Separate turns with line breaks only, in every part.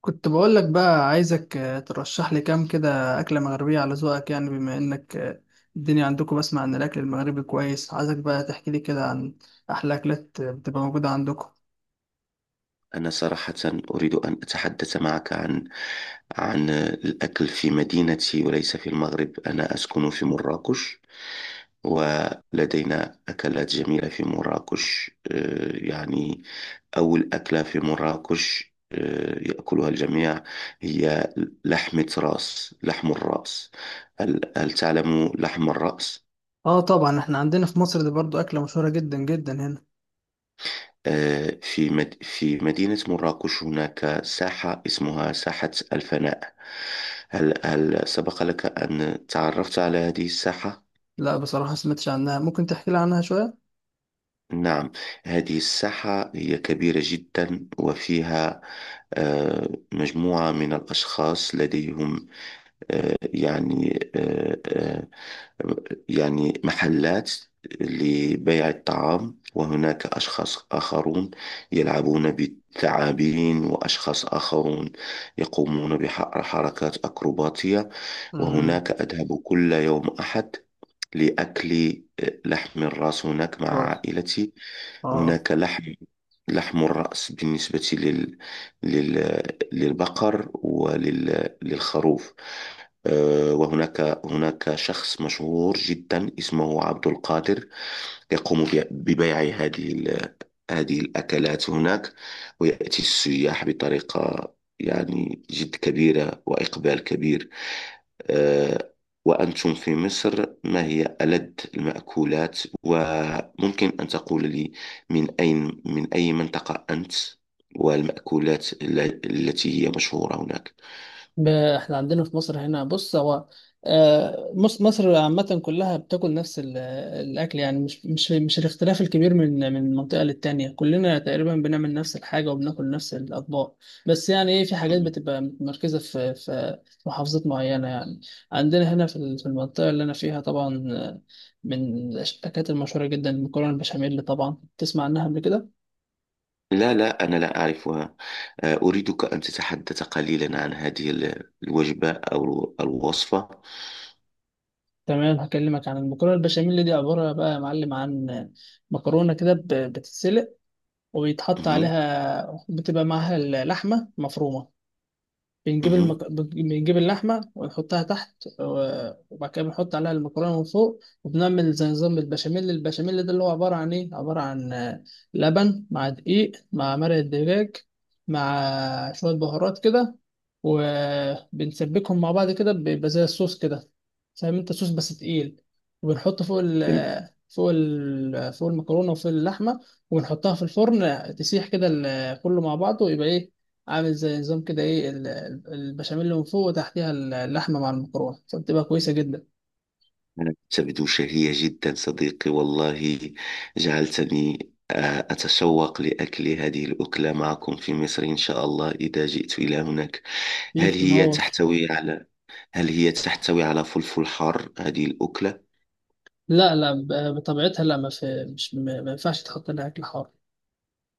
كنت بقول لك بقى عايزك ترشح لي كام كده أكلة مغربية على ذوقك، يعني بما إنك الدنيا عندكم، بسمع إن الأكل المغربي كويس. عايزك بقى تحكي لي كده عن أحلى أكلات بتبقى موجودة عندكم.
أنا صراحة أريد أن أتحدث معك عن الأكل في مدينتي وليس في المغرب. أنا أسكن في مراكش، ولدينا أكلات جميلة في مراكش. يعني أول أكلة في مراكش يأكلها الجميع هي لحم الرأس. هل تعلم لحم الرأس؟
آه طبعا، إحنا عندنا في مصر دي برضو أكلة مشهورة جدا جدا هنا.
في مدينة مراكش هناك ساحة اسمها ساحة الفناء. هل سبق لك أن تعرفت على هذه الساحة؟
لا بصراحة، سمعتش عنها، ممكن تحكي لي عنها شوية؟
نعم. هذه الساحة هي كبيرة جدا، وفيها آه، مجموعة من الأشخاص لديهم، آه، يعني آه، آه، يعني محلات لبيع الطعام، وهناك أشخاص آخرون يلعبون بالثعابين، وأشخاص آخرون يقومون بحركات أكروباتية.
امم.
وهناك أذهب كل يوم أحد لأكل لحم الرأس هناك مع
راس.
عائلتي.
آه.
هناك لحم، لحم الرأس بالنسبة لل... للبقر وللخروف. وهناك هناك شخص مشهور جدا اسمه عبد القادر، يقوم ببيع هذه الأكلات هناك، ويأتي السياح بطريقة يعني جد كبيرة وإقبال كبير. آه، وأنتم في مصر، ما هي ألذ المأكولات؟ وممكن أن تقول لي من أين، من أي منطقة أنت، والمأكولات التي هي مشهورة هناك.
احنا عندنا في مصر هنا، بص هو مصر عامة كلها بتاكل نفس الأكل، يعني مش الاختلاف الكبير من منطقة للتانية، كلنا تقريبا بنعمل نفس الحاجة وبناكل نفس الأطباق، بس يعني إيه، في حاجات
مم.
بتبقى متمركزة في محافظات معينة يعني. عندنا هنا في المنطقة اللي أنا فيها، طبعا من الأكلات المشهورة جدا المكرونة البشاميل، طبعا تسمع عنها قبل كده.
لا، لا، أنا لا أعرفها. أريدك أن تتحدث قليلا عن هذه الوجبة أو الوصفة.
تمام، هكلمك عن المكرونة البشاميل. دي عبارة بقى يا معلم عن مكرونة كده بتتسلق، وبيتحط
مم.
عليها، بتبقى معاها اللحمة مفرومة. بنجيب اللحمة ونحطها تحت، وبعد كده بنحط عليها المكرونة من فوق، وبنعمل زي نظام البشاميل. البشاميل ده اللي هو عبارة عن إيه؟ عبارة عن لبن مع دقيق مع مرق الدجاج، مع شوية بهارات كده، وبنسبكهم مع بعض كده، بيبقى زي الصوص كده، فاهم أنت؟ صوص بس تقيل، وبنحطه فوق ال
مم.
فوق ال فوق المكرونة وفوق اللحمة، ونحطها في الفرن تسيح كده، كله مع بعضه، يبقى إيه، عامل زي نظام كده، ايه البشاميل اللي من فوق، وتحتيها اللحمه مع المكرونه، فبتبقى كويسه جدا.
تبدو شهية جدا صديقي، والله جعلتني أتشوق لأكل هذه الأكلة معكم في مصر، إن شاء الله إذا جئت إلى هناك. هل
ميت
هي
تنور.
تحتوي على هل هي تحتوي على فلفل حار هذه الأكلة؟
لا لا، بطبيعتها لا، ما في، مش ما ينفعش تحط لها اكل حار.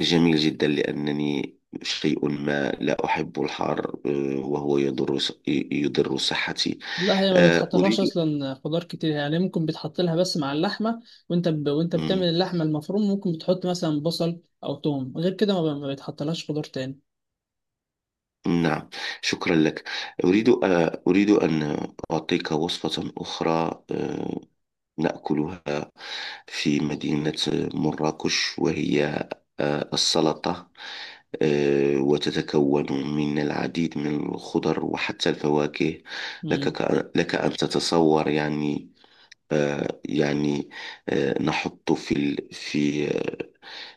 جميل جدا، لأنني شيء ما لا أحب الحار، وهو يضر يضر صحتي.
لا، هي ما
آه،
بتحطلهاش
أريد
اصلا خضار كتير، يعني ممكن بتحط لها بس مع اللحمه. وانت بتعمل
مم،
اللحمه المفروم، ممكن بتحط مثلا بصل او توم، غير كده ما بتحطلهاش خضار تاني.
نعم، شكرا لك. أريد أن أعطيك وصفة أخرى نأكلها في مدينة مراكش، وهي السلطة. وتتكون من العديد من الخضر وحتى الفواكه.
امم.
لك أن تتصور يعني. آه، يعني نحط في ال- في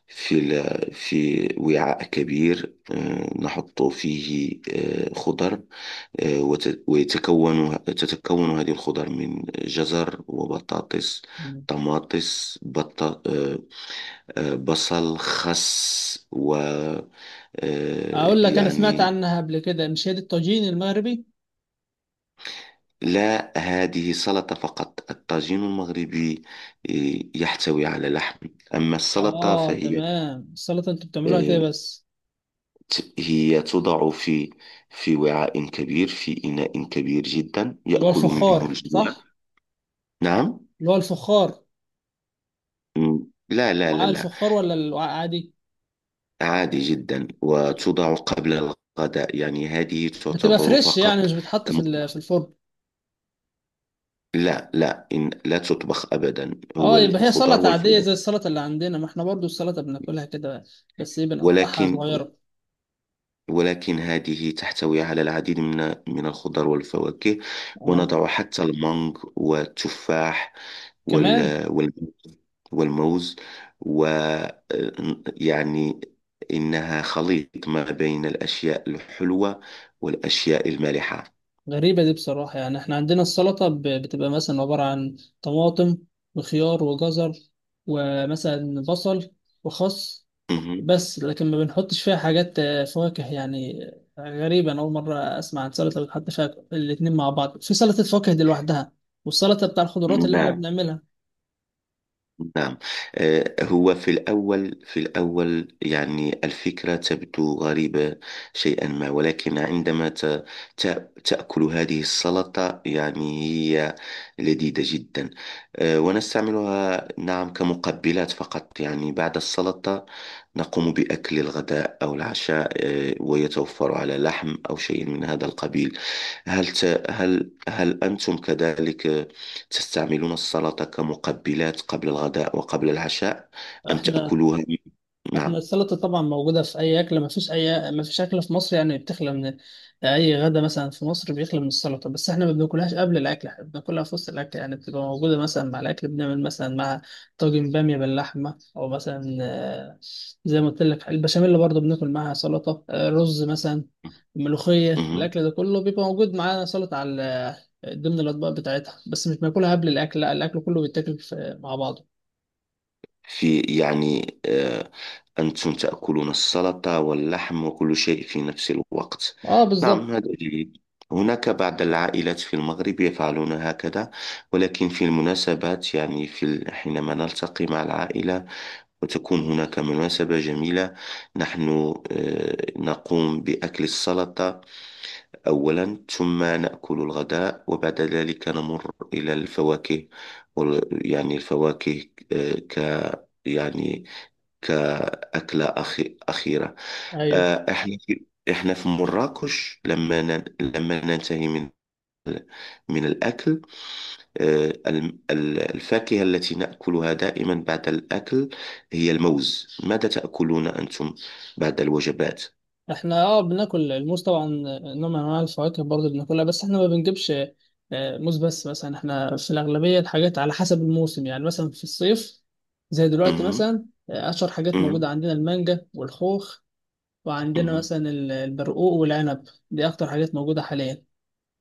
في لا- في وعاء كبير، نحط فيه خضر. آه، وت- ويتكون تتكون هذه الخضر من جزر وبطاطس،
مم.
طماطس، بط... آه، آه، بصل، خس، و آه،
اقول لك، انا سمعت
يعني
عنها قبل كده، مش هي دي الطاجين المغربي؟
لا، هذه سلطة فقط. الطاجين المغربي يحتوي على لحم، أما السلطة
اه
فهي
تمام، السلطه انتوا بتعملوها كده
آه،
بس؟
هي توضع في وعاء كبير، في إناء كبير جدا
اللي هو
يأكل منه
الفخار،
الجميع.
صح؟
نعم.
اللي هو الفخار.
م- لا، لا، لا،
وعاء
لا.
الفخار ولا الوعاء عادي؟
عادي جدا،
مم.
وتوضع قبل الغداء، يعني هذه
بتبقى
تعتبر
فريش، يعني
فقط...
مش بتحط
كم...
في الفرن؟
لا، لا، إن لا تطبخ أبدا، هو
اه، يبقى هي
الخضار
سلطة عادية
والفواكه.
زي السلطة اللي عندنا، ما احنا برضو السلطة بناكلها كده، بس ايه، بنقطعها
ولكن
صغيرة.
ولكن هذه تحتوي على العديد من الخضار والفواكه.
اه.
ونضع حتى المانغ والتفاح
كمان.
والمانجا، والموز. و يعني، إنها خليط ما بين الأشياء الحلوة والأشياء المالحة.
غريبة دي بصراحة، يعني احنا عندنا السلطة بتبقى مثلا عبارة عن طماطم وخيار وجزر ومثلا بصل وخس،
مهم.
بس لكن ما بنحطش فيها حاجات فواكه يعني. غريبة، أنا أول مرة أسمع عن سلطة بتحط فيها الاتنين مع بعض. في سلطة فواكه دي لوحدها، والسلطة بتاع الخضروات اللي إحنا
نعم.
بنعملها.
نعم. هو في الأول يعني الفكرة تبدو غريبة شيئا ما، ولكن عندما تأكل هذه السلطة يعني هي لذيذة جدا. ونستعملها، نعم، كمقبلات فقط، يعني بعد السلطة نقوم بأكل الغداء أو العشاء، ويتوفر على لحم أو شيء من هذا القبيل. هل ت... هل هل أنتم كذلك تستعملون السلطة كمقبلات قبل الغداء وقبل العشاء، أم
إحنا
تأكلوها؟
احنا
نعم.
السلطة طبعا موجودة في أي أكلة، مفيش أي مفيش أكلة في مصر يعني بتخلى من، أي غدا مثلا في مصر بيخلى من السلطة. بس احنا ما بناكلهاش قبل الأكل، احنا بناكلها في وسط الأكل، يعني بتبقى موجودة مثلا مع الأكل. بنعمل مثلا مع طاجن بامية باللحمة، أو مثلا زي ما قلت لك البشاميل برضه بناكل معاها سلطة، رز مثلا، ملوخية،
مهم.
الأكل ده كله بيبقى موجود معانا سلطة على ضمن الأطباق بتاعتها، بس مش بناكلها قبل الأكل لا، الأكل كله بيتاكل مع بعضه.
في يعني أنتم تأكلون السلطة واللحم وكل شيء في نفس الوقت؟
اه
نعم،
بالظبط.
هذا جيد. هناك بعض العائلات في المغرب يفعلون هكذا، ولكن في المناسبات، يعني في حينما نلتقي مع العائلة وتكون هناك مناسبة جميلة، نحن نقوم بأكل السلطة أولا، ثم نأكل الغداء، وبعد ذلك نمر إلى الفواكه يعني الفواكه آه، ك يعني كأكلة أخيرة.
ايوه.
آه، إحنا في إحنا في مراكش، لما ننتهي ال- من الأكل، الفاكهة التي نأكلها دائما بعد الأكل هي الموز. ماذا تأكلون أنتم بعد الوجبات؟
احنا بناكل الموز طبعا، نوع من انواع الفواكه برضه بناكلها، بس احنا ما بنجيبش موز بس مثلا، احنا في الاغلبيه الحاجات على حسب الموسم، يعني مثلا في الصيف زي دلوقتي
مهم.
مثلا، اشهر حاجات موجوده
مهم.
عندنا المانجا والخوخ، وعندنا
مهم.
مثلا البرقوق والعنب. دي اكتر حاجات موجوده حاليا.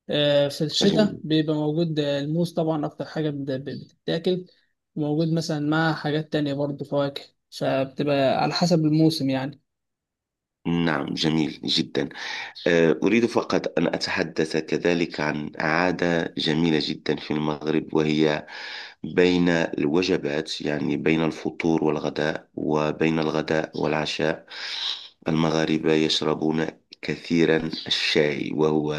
في الشتاء
جميل.
بيبقى موجود الموز طبعا، اكتر حاجه بتتاكل، موجود مثلا مع حاجات تانية برضه فواكه، فبتبقى على حسب الموسم يعني.
نعم، جميل جدا. أريد فقط أن أتحدث كذلك عن عادة جميلة جدا في المغرب، وهي بين الوجبات، يعني بين الفطور والغداء، وبين الغداء والعشاء، المغاربة يشربون كثيرا الشاي، وهو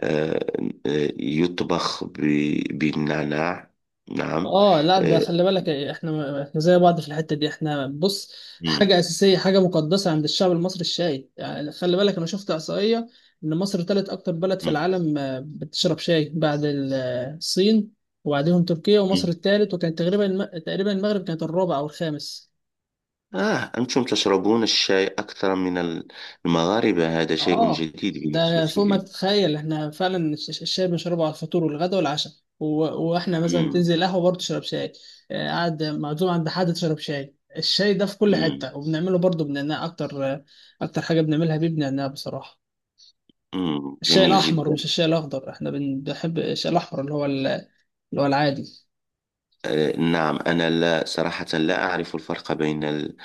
آه، يطبخ بالنعناع. نعم.
اه لا، ده
آه،
خلي بالك، احنا زي بعض في الحته دي. احنا بص، حاجه
مم،
اساسيه، حاجه مقدسه عند الشعب المصري الشاي، يعني خلي بالك، انا شفت احصائيه ان مصر تالت اكتر بلد في العالم بتشرب شاي، بعد الصين، وبعدهم تركيا، ومصر
مم،
التالت، وكانت تقريبا المغرب كانت الرابع او الخامس.
أنتم تشربون الشاي أكثر من المغاربة؟ هذا شيء
اه،
جديد
ده
بالنسبة
فوق ما
لي.
تتخيل، احنا فعلا الشاي بنشربه على الفطور والغدا والعشاء، و- واحنا مثلا
مم.
تنزل قهوه برضه تشرب شاي، قاعد معزوم عند حد تشرب شاي. الشاي ده في كل
مم.
حته، وبنعمله برضه بنعناع اكتر، اكتر حاجه بنعملها بيه بنعناع بصراحه.
مم.
الشاي
جميل
الاحمر
جدا.
ومش الشاي الاخضر، احنا بنحب الشاي الاحمر اللي هو العادي.
نعم، أنا لا، صراحة لا أعرف الفرق بين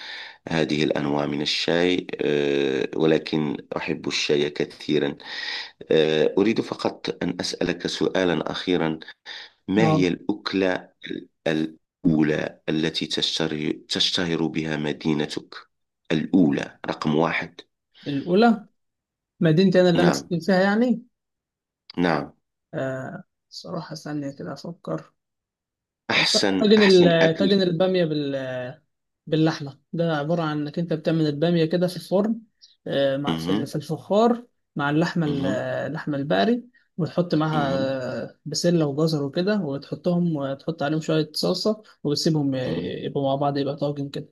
هذه الأنواع من الشاي، ولكن أحب الشاي كثيرا. أريد فقط أن أسألك سؤالا أخيرا. ما
اه.
هي الأكلة الأولى التي تشتهر بها مدينتك، الأولى، رقم واحد؟
الاولى. مدينتي انا اللي انا
نعم.
ساكن فيها يعني.
نعم.
آه صراحه، ثانيه كده افكر. ط-
أحسن،
طاجن
أحسن
ال- طاجن
أكل.
الباميه باللحمه، ده عباره عن انك انت بتعمل الباميه كده في الفرن، مع
مه.
في الفخار، مع اللحمه ال-
مه.
آه، اللحمه البقري، وتحط معاها
مه.
بسله وجزر وكده، وتحطهم وتحط عليهم شويه صلصه، وتسيبهم
مه.
يبقوا مع بعض، يبقى طاجن كده.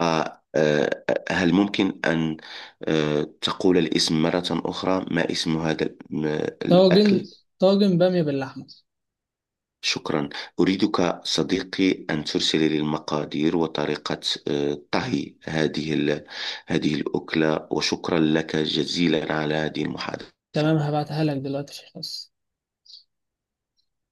آه. آه. هل ممكن أن... تقول الاسم مرة أخرى، ما اسم
طاجن
الأكل؟
طاجن باميه باللحمه.
شكرا. أريدك صديقي أن ترسل لي المقادير وطريقة طهي هذه الأكلة، وشكرا لك جزيلا على هذه المحادثة.
تمام، هبعتها لك دلوقتي في الخاص.